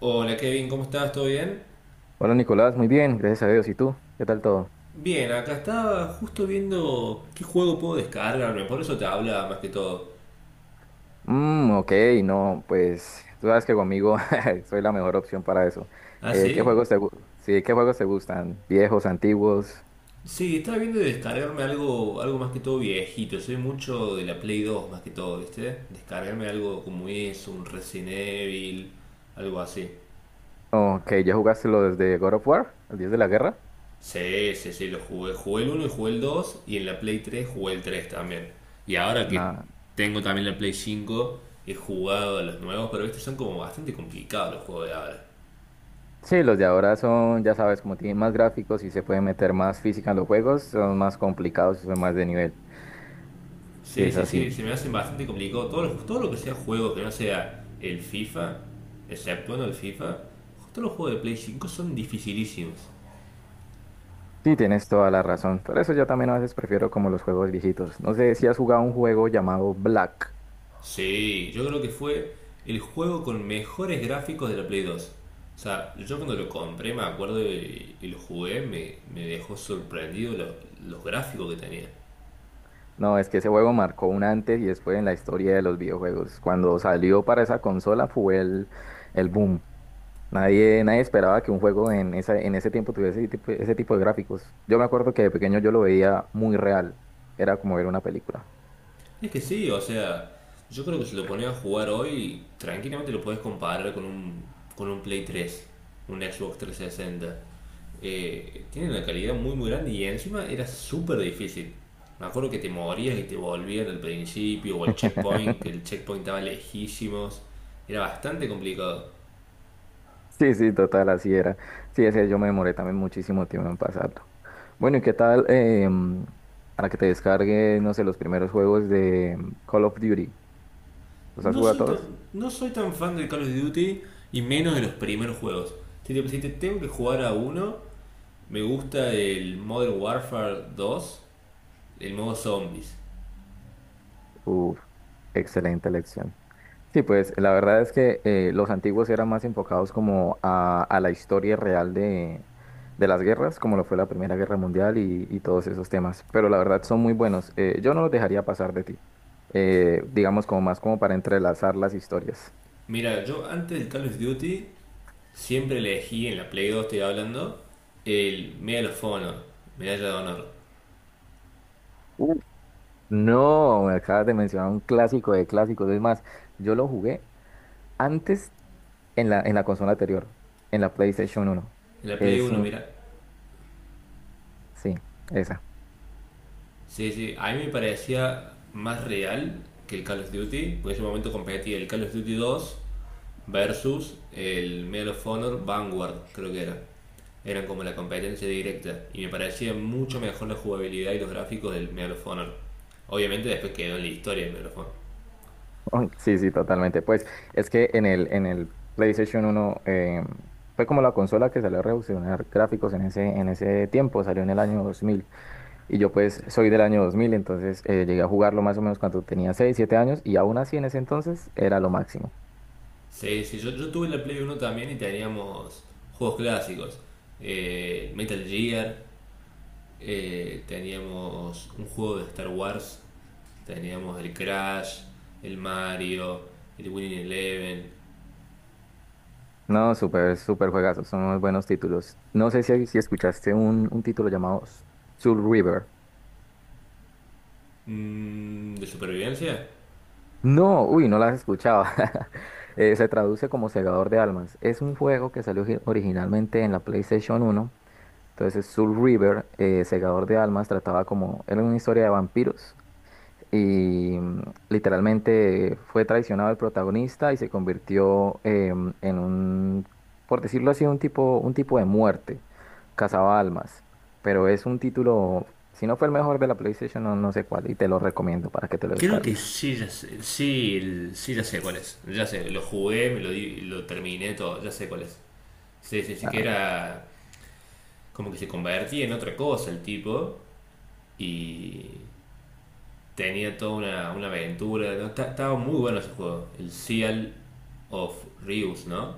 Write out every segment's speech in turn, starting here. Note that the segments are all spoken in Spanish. Hola Kevin, ¿cómo estás? ¿Todo bien? Hola Nicolás, muy bien, gracias a Dios. ¿Y tú? ¿Qué tal todo? Bien, acá estaba justo viendo qué juego puedo descargarme, por eso te habla más que todo. Mm, ok, no, pues tú sabes que conmigo soy la mejor opción para eso. ¿Ah, ¿Qué sí? juegos te, gu- Sí, ¿qué juegos te gustan? ¿Viejos, antiguos? Sí, estaba viendo de descargarme algo más que todo viejito, soy mucho de la Play 2 más que todo, ¿viste? Descargarme algo como eso, un Resident Evil, algo así. Ok, ¿ya jugaste los de God of War? ¿El Dios de la Guerra? Sí, sí, sí, lo jugué. Jugué el uno y jugué el 2 y en la Play 3 jugué el 3 también. Y ahora que Nada. tengo también la Play 5 he jugado a los nuevos, pero estos son como bastante complicados los juegos de ahora. Sí, los de ahora son, ya sabes, como tienen más gráficos y se puede meter más física en los juegos, son más complicados y son más de nivel. Sí, Sí, es sí, así. sí, se me hacen bastante complicado. Todo lo que sea juego que no sea el FIFA, exceptuando el FIFA, todos los juegos de Play 5 son dificilísimos. Sí, tienes toda la razón. Por eso yo también a veces prefiero como los juegos viejitos. No sé si has jugado un juego llamado Black. Sí, yo creo que fue el juego con mejores gráficos de la Play 2. O sea, yo cuando lo compré, me acuerdo y lo jugué, me dejó sorprendido los gráficos que tenía. No, es que ese juego marcó un antes y después en la historia de los videojuegos. Cuando salió para esa consola fue el boom. Nadie, nadie esperaba que un juego en en ese tiempo tuviese ese tipo de gráficos. Yo me acuerdo que de pequeño yo lo veía muy real. Era como ver una película. Es que sí, o sea, yo creo que si lo pones a jugar hoy, tranquilamente lo puedes comparar con un Play 3 un Xbox 360. Tiene una calidad muy muy grande y encima era súper difícil. Me acuerdo que te morías y te volvían al principio o al checkpoint, que el checkpoint estaba lejísimos. Era bastante complicado. Sí, sí, total, así era. Sí, ese yo me demoré también muchísimo tiempo en pasarlo. Bueno, ¿y qué tal para que te descargue, no sé, los primeros juegos de Call of Duty? ¿Los has No jugado a soy tan, todos? no soy tan fan del Call of Duty y menos de los primeros juegos. Si te tengo que jugar a uno, me gusta el Modern Warfare dos. El modo zombies. Uf, excelente elección. Sí, pues la verdad es que los antiguos eran más enfocados como a la historia real de las guerras, como lo fue la Primera Guerra Mundial y todos esos temas. Pero la verdad son muy buenos. Yo no los dejaría pasar de ti. Digamos como más como para entrelazar las historias. Mira, yo antes del Call of Duty siempre elegí, en la Play 2 estoy hablando, el Medal of Honor, Medalla de Honor. Uf. No, me acabas de mencionar un clásico de clásicos. Es más, yo lo jugué antes en en la consola anterior, en la PlayStation uno. En la Play Es uno un... mira. Sí, esa. Sí, sí, a mí me parecía más real que el Call of Duty, porque en ese momento competía el Call of Duty 2 versus el Medal of Honor Vanguard, creo que era. Eran como la competencia directa y me parecía mucho mejor la jugabilidad y los gráficos del Medal of Honor. Obviamente después quedó en la historia el Medal of Honor. Oh, sí, sí, totalmente. Pues es que en en el PlayStation uno fue como la consola que salió a revolucionar gráficos en en ese tiempo, salió en el año 2000. Y yo pues soy del año 2000, entonces llegué a jugarlo más o menos cuando tenía 6, 7 años, y aún así en ese entonces era lo máximo. Sí, sí, yo tuve la Play uno también y teníamos juegos clásicos. Metal Gear, teníamos un juego de Star Wars, teníamos el Crash, el Mario, el Winning Eleven. No, súper, súper juegazos, son muy buenos títulos. No sé si escuchaste un título llamado Soul River. Mm, ¿de supervivencia? No, uy, no las escuchaba. Se traduce como Segador de Almas. Es un juego que salió originalmente en la PlayStation uno. Entonces, Soul River, Segador de Almas, trataba como, era una historia de vampiros. Y literalmente fue traicionado el protagonista y se convirtió por decirlo así, un tipo de muerte. Cazaba almas. Pero es un título, si no fue el mejor de la PlayStation, no, no sé cuál. Y te lo recomiendo para que te lo Creo que descargues. sí, ya sé, sí, sí, ya sé cuál es. Ya sé, lo jugué, lo terminé todo, ya sé cuál es. Sí, sí, sí, que Ah, era como que se convertía en otra cosa el tipo y tenía toda una aventura, ¿no? Estaba muy bueno ese juego. El Seal of Reus, ¿no?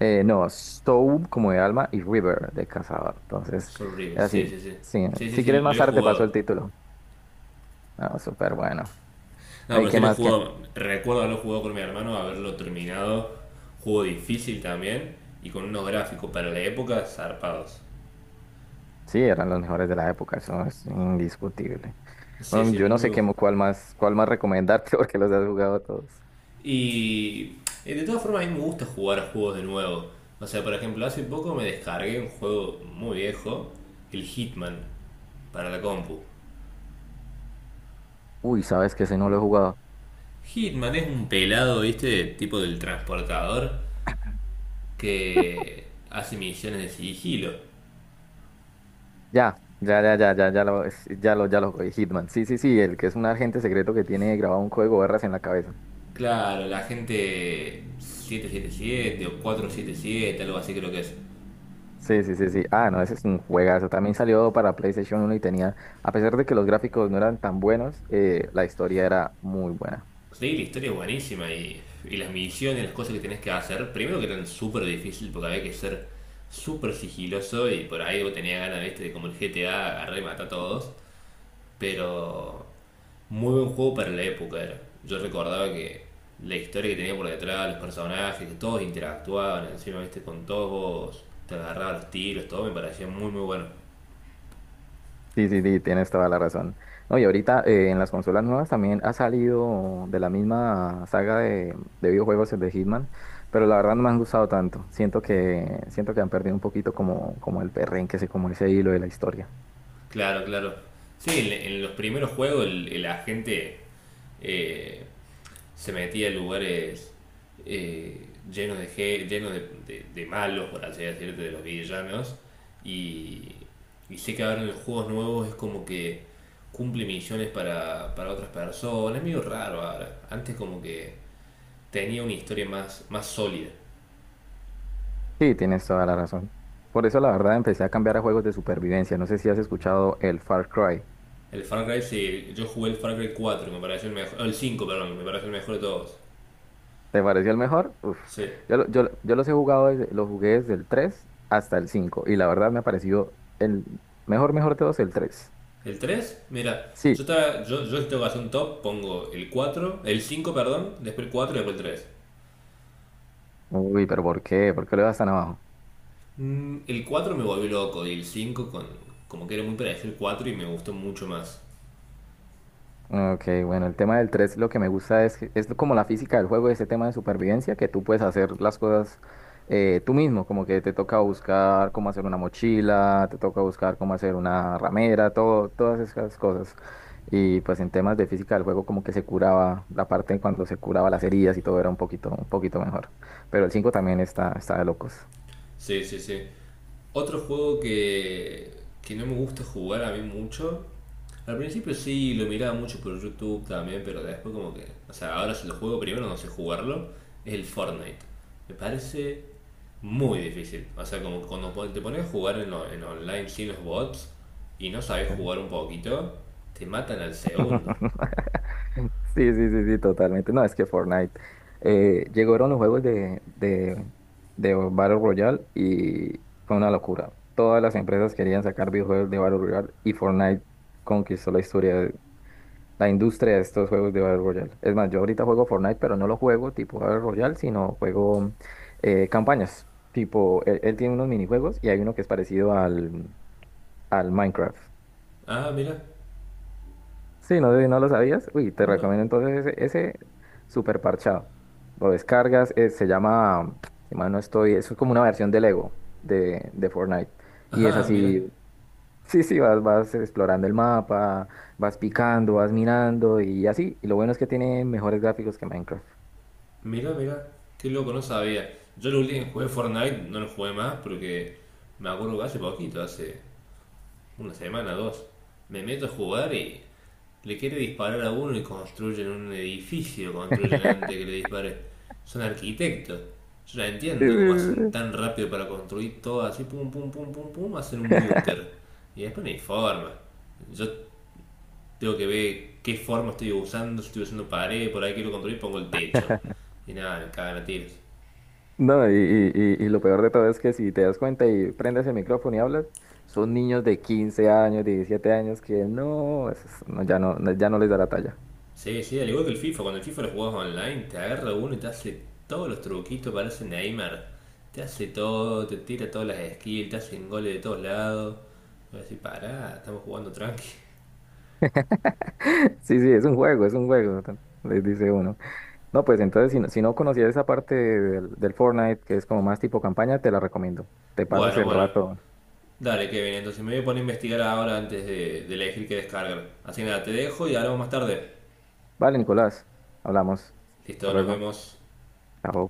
No, Soul como de alma y River de cazador. Entonces, Soul Reus, era así. sí, sí, sí. Sí, Sí, sí, si sí, quieres lo más he tarde te paso el jugado. título. No, súper bueno. No, ¿Y pero qué sí lo he más que? jugado. Recuerdo haberlo jugado con mi hermano, haberlo terminado. Juego difícil también. Y con unos gráficos para la época zarpados. Sí, eran los mejores de la época, eso es indiscutible. Sí, Bueno, sí, yo muy no sé buen juego. Cuál más recomendarte porque los has jugado todos. Y de todas formas, a mí me gusta jugar a juegos de nuevo. O sea, por ejemplo, hace poco me descargué un juego muy viejo, el Hitman, para la compu. Uy, sabes que ese no lo he jugado. Hitman es un pelado, ¿viste? Tipo del transportador que hace misiones de sigilo. Ya, ya, ya, ya, ya, ya lo, es- ya lo jugué. Hitman. Sí, sí, sí, el que es un agente secreto que tiene grabado un código barras en la cabeza. Claro, la gente 777 o 477, algo así creo que es. Sí, sí, sí, sí. Ah, no, ese es un juegazo. También salió para PlayStation uno y tenía, a pesar de que los gráficos no eran tan buenos, la historia era muy buena. Sí, la historia es buenísima y las misiones, las cosas que tenés que hacer, primero que eran súper difícil porque había que ser súper sigiloso y por ahí vos tenías ganas, ¿viste? De como el GTA, agarrar y matar a todos. Pero muy buen juego para la época era. Yo recordaba que la historia que tenía por detrás, los personajes, que todos interactuaban, encima viste con todos, te agarraba los tiros, todo me parecía muy muy bueno. Sí, sí, sí, tienes toda la razón. No, y ahorita en las consolas nuevas también ha salido de la misma saga de videojuegos el de Hitman, pero la verdad no me han gustado tanto. Siento que han perdido un poquito como el perrenque, como ese hilo de la historia. Claro, claro. Sí, en los primeros juegos el agente eh, se metía en lugares eh, llenos de llenos de, de malos, por así decirte, de los villanos. Y, y sé que ahora en los juegos nuevos es como que cumple misiones para otras personas. Es medio raro ahora. Antes como que tenía una historia más sólida. Sí, tienes toda la razón. Por eso la verdad empecé a cambiar a juegos de supervivencia. No sé si has escuchado el Far Cry. El Far Cry, sí, yo jugué el Far Cry cuatro me pareció el mejor. El 5 perdón, me pareció el mejor de todos. ¿Te pareció el mejor? Uf. Sí. Yo los he jugado, los jugué desde el 3 hasta el 5 y la verdad me ha parecido el mejor, mejor de todos el 3. El tres mira, Sí. yo si tengo que hacer un top, pongo el 4 el 5 perdón, después el 4 y después el 3. Uy, pero ¿por qué? ¿Por qué lo vas tan abajo? Mm, el 4 me volvió loco y el 5 como que era muy parecido el 4 y me gustó mucho más. Ok, bueno, el tema del 3, lo que me gusta es, es como la física del juego, ese tema de supervivencia, que tú puedes hacer las cosas tú mismo, como que te toca buscar cómo hacer una mochila, te toca buscar cómo hacer una ramera, todo, todas esas cosas. Y pues en temas de física del juego como que se curaba la parte en cuando se curaba las heridas y todo era un poquito mejor. Pero el 5 también está, está de locos. Sí, sí, sí. Otro juego que no me gusta jugar a mí mucho. Al principio sí, lo miraba mucho por YouTube también, pero después como que… O sea, ahora si lo juego primero no sé jugarlo. Es el Fortnite. Me parece muy difícil. O sea, como cuando te pones a jugar en online sin los bots y no sabes Sí. jugar un poquito, te matan al segundo. Sí, sí, sí, sí, totalmente. No, es que Fortnite, llegaron los juegos de Battle Royale y fue una locura. Todas las empresas querían sacar videojuegos de Battle Royale y Fortnite conquistó la historia, la industria de estos juegos de Battle Royale. Es más, yo ahorita juego Fortnite, pero no lo juego tipo Battle Royale, sino juego campañas. Tipo, él tiene unos minijuegos y hay uno que es parecido al Minecraft. Ah, mira. Sí, no, no lo sabías. Uy, te No, recomiendo entonces ese super parchado. Lo descargas, se llama, si mal no estoy, eso es como una versión del Lego de Fortnite. Y es ajá, mira, así, sí, sí, vas explorando el mapa, vas picando, vas mirando y así. Y lo bueno es que tiene mejores gráficos que Minecraft. mira, mira. Qué loco, no sabía. Yo lo último que jugué Fortnite, no lo jugué más porque me acuerdo que hace poquito, hace una semana, dos. Me meto a jugar y le quiere disparar a uno y construyen un edificio, construyen antes que le dispare. Son arquitectos. Yo no Sí, entiendo cómo sí, sí, hacen sí. tan rápido para construir todo así, pum, pum, pum, pum, pum, hacen un búnker. Y después no hay forma. Yo tengo que ver qué forma estoy usando, si estoy usando pared, por ahí quiero construir, pongo el techo. Y nada, me cagan a tiros. No, y lo peor de todo es que si te das cuenta y prendes el micrófono y hablas, son niños de 15 años, 17 años que no, no, ya no les da la talla. Sí, sí, al igual que el FIFA, cuando el FIFA lo jugás online, te agarra uno y te hace todos los truquitos, parece Neymar. Te hace todo, te tira todas las skills, te hacen goles de todos lados. Voy a decir, pará, estamos jugando tranqui. Sí, sí, es un juego, les dice uno. No, pues entonces, si no, si no conocías esa parte del Fortnite, que es como más tipo campaña, te la recomiendo. Te pasas Bueno, el bueno, rato. dale Kevin, entonces me voy a poner a investigar ahora antes de elegir qué descargar. Así que nada, te dejo y hablamos más tarde. Vale, Nicolás, hablamos. Hasta Listo, nos luego. vemos. Chao.